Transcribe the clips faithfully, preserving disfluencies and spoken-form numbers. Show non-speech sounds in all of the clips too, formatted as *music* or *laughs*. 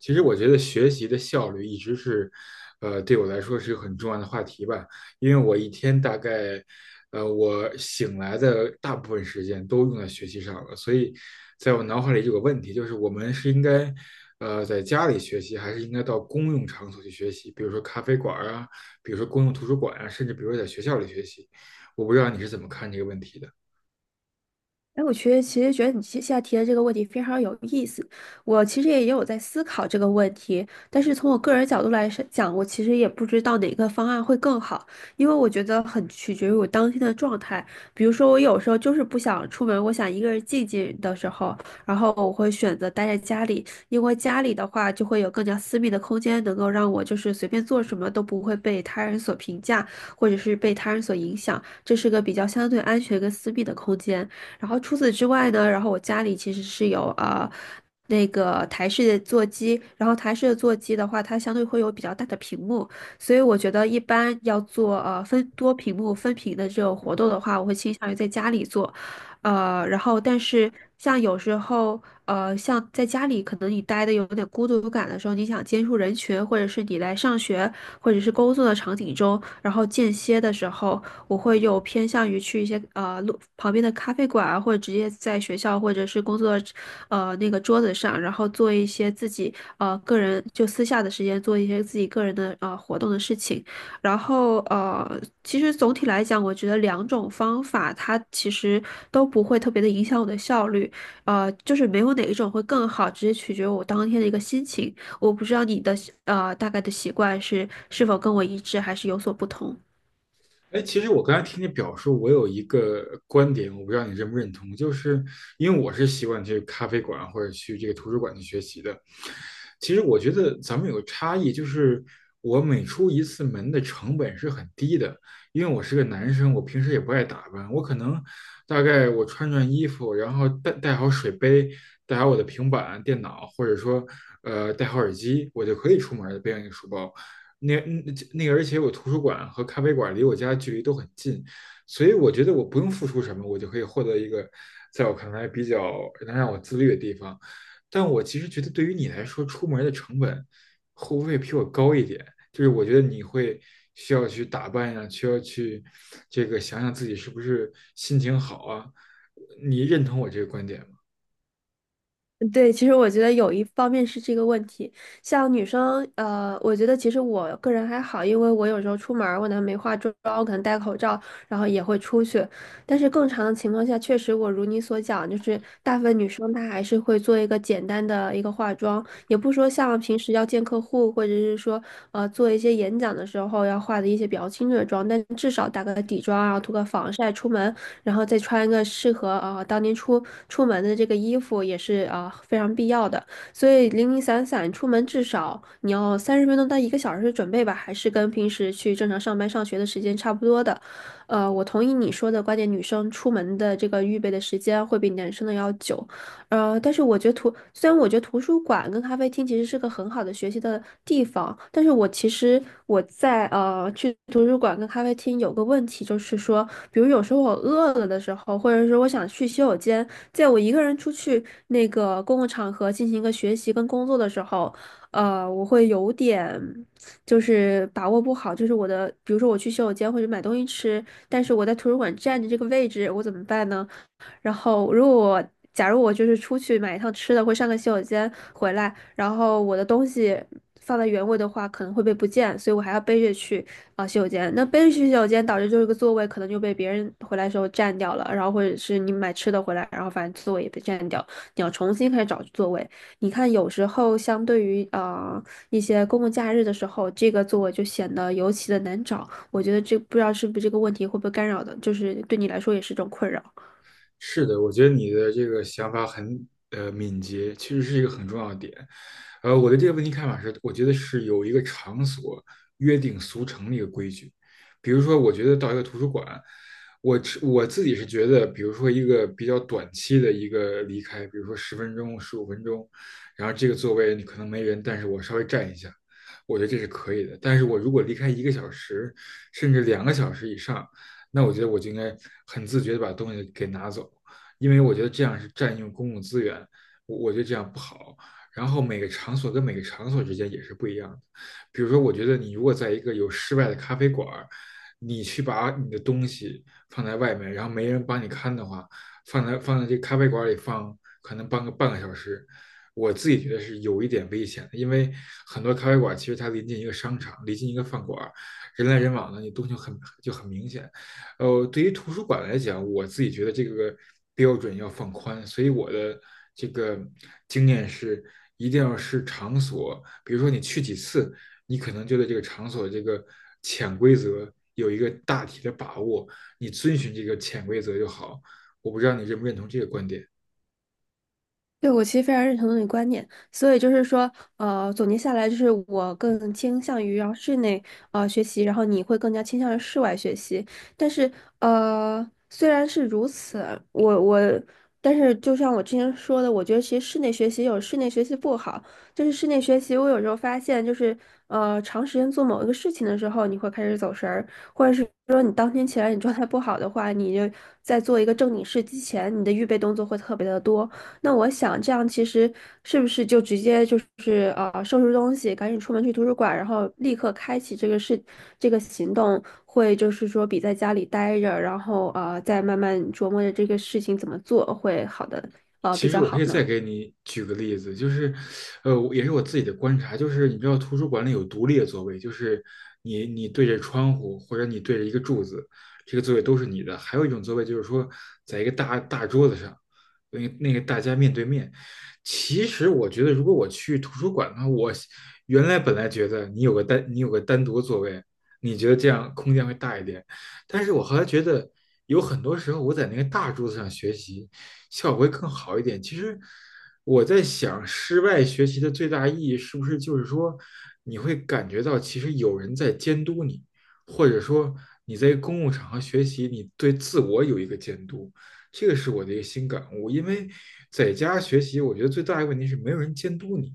其实我觉得学习的效率一直是，呃，对我来说是个很重要的话题吧。因为我一天大概，呃，我醒来的大部分时间都用在学习上了，所以在我脑海里有个问题，就是我们是应该，呃，在家里学习，还是应该到公用场所去学习，比如说咖啡馆儿啊，比如说公用图书馆啊，甚至比如说在学校里学习。我不知道你是怎么看这个问题的。哎，我觉得其实觉得你现在提的这个问题非常有意思。我其实也有在思考这个问题，但是从我个人角度来是讲，我其实也不知道哪个方案会更好，因为我觉得很取决于我当天的状态。比如说，我有时候就是不想出门，我想一个人静静的时候，然后我会选择待在家里，因为家里的话就会有更加私密的空间，能够让我就是随便做什么都不会被他人所评价，或者是被他人所影响，这是个比较相对安全跟私密的空间。然后除此之外呢，然后我家里其实是有啊、那个台式的座机，然后台式的座机的话，它相对会有比较大的屏幕，所以我觉得一般要做呃分多屏幕分屏的这种活动的话，我会倾向于在家里做，呃，然后但是像有时候呃像在家里可能你待的有点孤独感的时候，你想接触人群，或者是你来上学或者是工作的场景中，然后间歇的时候。我会有偏向于去一些呃路旁边的咖啡馆啊，或者直接在学校或者是工作呃那个桌子上，然后做一些自己呃个人就私下的时间做一些自己个人的呃活动的事情。然后呃，其实总体来讲，我觉得两种方法它其实都不会特别的影响我的效率，呃，就是没有哪一种会更好，直接取决于我当天的一个心情。我不知道你的呃大概的习惯是是否跟我一致，还是有所不同。哎，其实我刚才听你表述，我有一个观点，我不知道你认不认同，就是因为我是习惯去咖啡馆或者去这个图书馆去学习的。其实我觉得咱们有个差异，就是我每出一次门的成本是很低的，因为我是个男生，我平时也不爱打扮，我可能大概我穿穿衣服，然后带带好水杯，带好我的平板、电脑，或者说呃带好耳机，我就可以出门了，背上一个书包。那嗯那个，而且我图书馆和咖啡馆离我家距离都很近，所以我觉得我不用付出什么，我就可以获得一个在我看来比较能让我自律的地方。但我其实觉得，对于你来说，出门的成本会不会比我高一点？就是我觉得你会需要去打扮呀、需要去这个想想自己是不是心情好啊。你认同我这个观点？对，其实我觉得有一方面是这个问题，像女生，呃，我觉得其实我个人还好，因为我有时候出门儿，我可能没化妆，我可能戴口罩，然后也会出去。但是更长的情况下，确实我如你所讲，就是大部分女生她还是会做一个简单的一个化妆，也不说像平时要见客户，或者是说呃，做一些演讲的时候要化的一些比较清澈的妆，但至少打个底妆啊，涂个防晒出门，然后再穿一个适合啊、呃当天出出门的这个衣服也是啊、呃非常必要的。所以零零散散出门至少你要三十分钟到一个小时的准备吧，还是跟平时去正常上班上学的时间差不多的。呃，我同意你说的观点，女生出门的这个预备的时间会比男生的要久。呃，但是我觉得图，虽然我觉得图书馆跟咖啡厅其实是个很好的学习的地方，但是我其实我在呃去图书馆跟咖啡厅有个问题，就是说，比如有时候我饿了的时候，或者说我想去洗手间，在我一个人出去那个公共场合进行一个学习跟工作的时候，呃，我会有点就是把握不好，就是我的，比如说我去洗手间或者买东西吃，但是我在图书馆占着这个位置，我怎么办呢？然后如果我假如我就是出去买一趟吃的，或上个洗手间回来，然后我的东西放在原位的话，可能会被不见，所以我还要背着去啊、洗手间。那背着去洗手间，导致就是个座位可能就被别人回来的时候占掉了，然后或者是你买吃的回来，然后反正座位也被占掉，你要重新开始找座位。你看，有时候相对于啊一些公共假日的时候，这个座位就显得尤其的难找。我觉得这不知道是不是这个问题会不会干扰的，就是对你来说也是一种困扰。是的，我觉得你的这个想法很呃敏捷，其实是一个很重要的点。呃，我对这个问题看法是，我觉得是有一个场所约定俗成的一个规矩。比如说，我觉得到一个图书馆，我只我自己是觉得，比如说一个比较短期的一个离开，比如说十分钟、十五分钟，然后这个座位你可能没人，但是我稍微站一下，我觉得这是可以的。但是我如果离开一个小时，甚至两个小时以上，那我觉得我就应该很自觉的把东西给拿走，因为我觉得这样是占用公共资源，我我觉得这样不好。然后每个场所跟每个场所之间也是不一样的，比如说，我觉得你如果在一个有室外的咖啡馆你去把你的东西放在外面，然后没人帮你看的话，放在放在这咖啡馆里放，可能半个半个小时，我自己觉得是有一点危险的，因为很多咖啡馆其实它临近一个商场，临近一个饭馆人来人往的，你东西就很就很明显。呃，对于图书馆来讲，我自己觉得这个标准要放宽，所以我的这个经验是，一定要是场所，比如说你去几次，你可能就对这个场所这个潜规则有一个大体的把握，你遵循这个潜规则就好。我不知道你认不认同这个观点。对，我其实非常认同那的观念，所以就是说，呃，总结下来就是我更倾向于然后室内呃学习，然后你会更加倾向于室外学习。但是呃，虽然是如此，我我，但是就像我之前说的，我觉得其实室内学习有室内学习不好，就是室内学习，我有时候发现就是呃，长时间做某一个事情的时候，你会开始走神儿，或者是说你当天起来你状态不好的话，你就在做一个正经事之前，你的预备动作会特别的多。那我想这样其实是不是就直接就是呃收拾东西，赶紧出门去图书馆，然后立刻开启这个事这个行动，会就是说比在家里待着，然后呃再慢慢琢磨着这个事情怎么做会好的呃比其实较我可好以再呢？给你举个例子，就是，呃，我也是我自己的观察，就是你知道图书馆里有独立的座位，就是你你对着窗户或者你对着一个柱子，这个座位都是你的。还有一种座位就是说，在一个大大桌子上，那个那个大家面对面。其实我觉得，如果我去图书馆的话，我原来本来觉得你有个单你有个单独的座位，你觉得这样空间会大一点，但是我后来觉得有很多时候我在那个大桌子上学习。效果会更好一点。其实我在想，室外学习的最大意义是不是就是说，你会感觉到其实有人在监督你，或者说你在公共场合学习，你对自我有一个监督。这个是我的一个新感悟，因为在家学习，我觉得最大的问题是没有人监督你。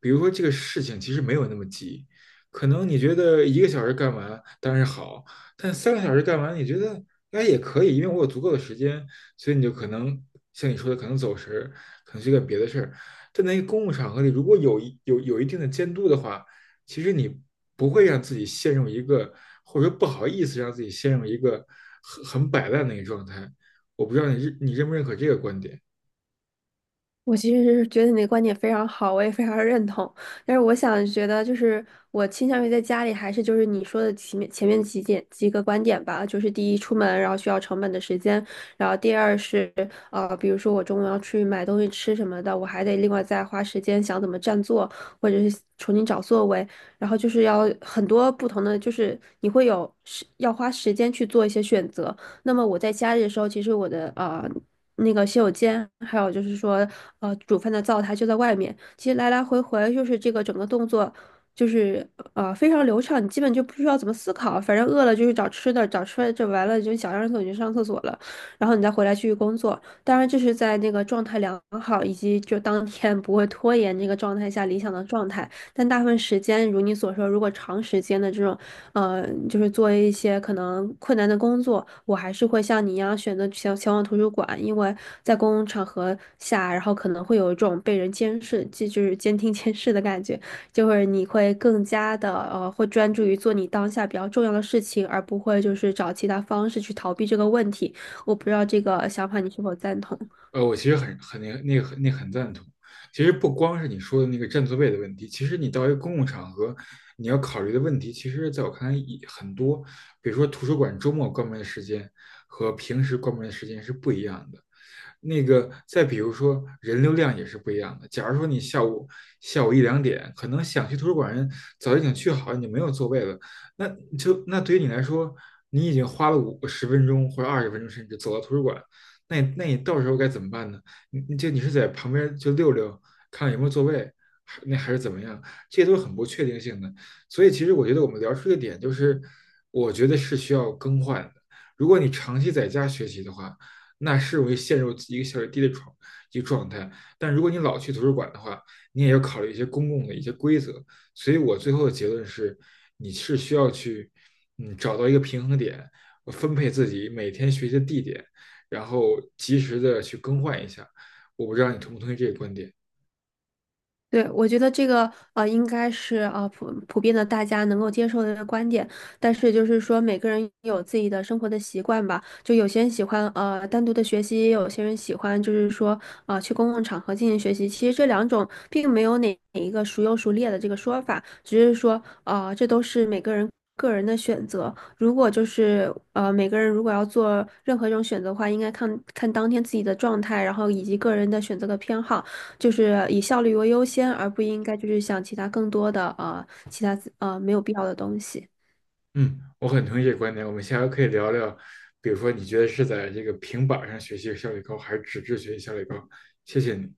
比如说这个事情其实没有那么急，可能你觉得一个小时干完当然好，但三个小时干完你觉得哎也可以，因为我有足够的时间，所以你就可能像你说的，可能走神，可能去干别的事儿。但在一个公共场合里，如果有一有有一定的监督的话，其实你不会让自己陷入一个，或者说不好意思让自己陷入一个很很摆烂的一个状态。我不知道你认你认不认可这个观点。我其实是觉得你的观点非常好，我也非常认同。但是我想觉得，就是我倾向于在家里，还是就是你说的前面前面几点几个观点吧，就是第一，出门然后需要成本的时间，然后第二是呃，比如说我中午要去买东西吃什么的，我还得另外再花时间想怎么占座，或者是重新找座位，然后就是要很多不同的，就是你会有时要花时间去做一些选择。那么我在家里的时候，其实我的啊。呃那个洗手间，还有就是说，呃，煮饭的灶台就在外面。其实来来回回就是这个整个动作，就是呃非常流畅，你基本就不需要怎么思考，反正饿了就去找吃的，找吃的就完了就想上厕所你就上厕所了，然后你再回来继续工作。当然这是在那个状态良好以及就当天不会拖延这个状态下理想的状态，但大部分时间如你所说，如果长时间的这种。呃，就是做一些可能困难的工作，我还是会像你一样选择前前往图书馆，因为在公共场合下，然后可能会有一种被人监视，这就是监听 *laughs* 监视的感觉，就是你会更加的呃，会专注于做你当下比较重要的事情，而不会就是找其他方式去逃避这个问题。我不知道这个想法你是否赞同。呃，我其实很很那个那个很那个很赞同。其实不光是你说的那个占座位的问题，其实你到一个公共场合，你要考虑的问题，其实在我看来也很多。比如说图书馆周末关门的时间和平时关门的时间是不一样的。那个再比如说人流量也是不一样的。假如说你下午下午一两点，可能想去图书馆人早已经去好了，你没有座位了，那就那对于你来说，你已经花了五十分钟或者二十分钟，甚至走到图书馆，那你那你到时候该怎么办呢？你就你是在旁边就溜溜，看看有没有座位，还那还是怎么样？这些都是很不确定性的。所以其实我觉得我们聊出一个点，就是我觉得是需要更换的。如果你长期在家学习的话，那是容易陷入一个效率低的状一个状态。但如果你老去图书馆的话，你也要考虑一些公共的一些规则。所以我最后的结论是，你是需要去嗯找到一个平衡点，分配自己每天学习的地点，然后及时的去更换一下。我不知道你同不同意这个观点。对，我觉得这个呃，应该是呃普普遍的大家能够接受的观点，但是就是说每个人有自己的生活的习惯吧，就有些人喜欢呃单独的学习，也有些人喜欢就是说啊去公共场合进行学习。其实这两种并没有哪哪一个孰优孰劣的这个说法，只是说啊这都是每个人个人的选择。如果就是呃每个人如果要做任何一种选择的话，应该看看当天自己的状态，然后以及个人的选择的偏好。就是以效率为优先，而不应该就是想其他更多的呃其他呃没有必要的东西。嗯，我很同意这个观点。我们下回可以聊聊，比如说你觉得是在这个平板上学习效率高，还是纸质学习效率高？谢谢你。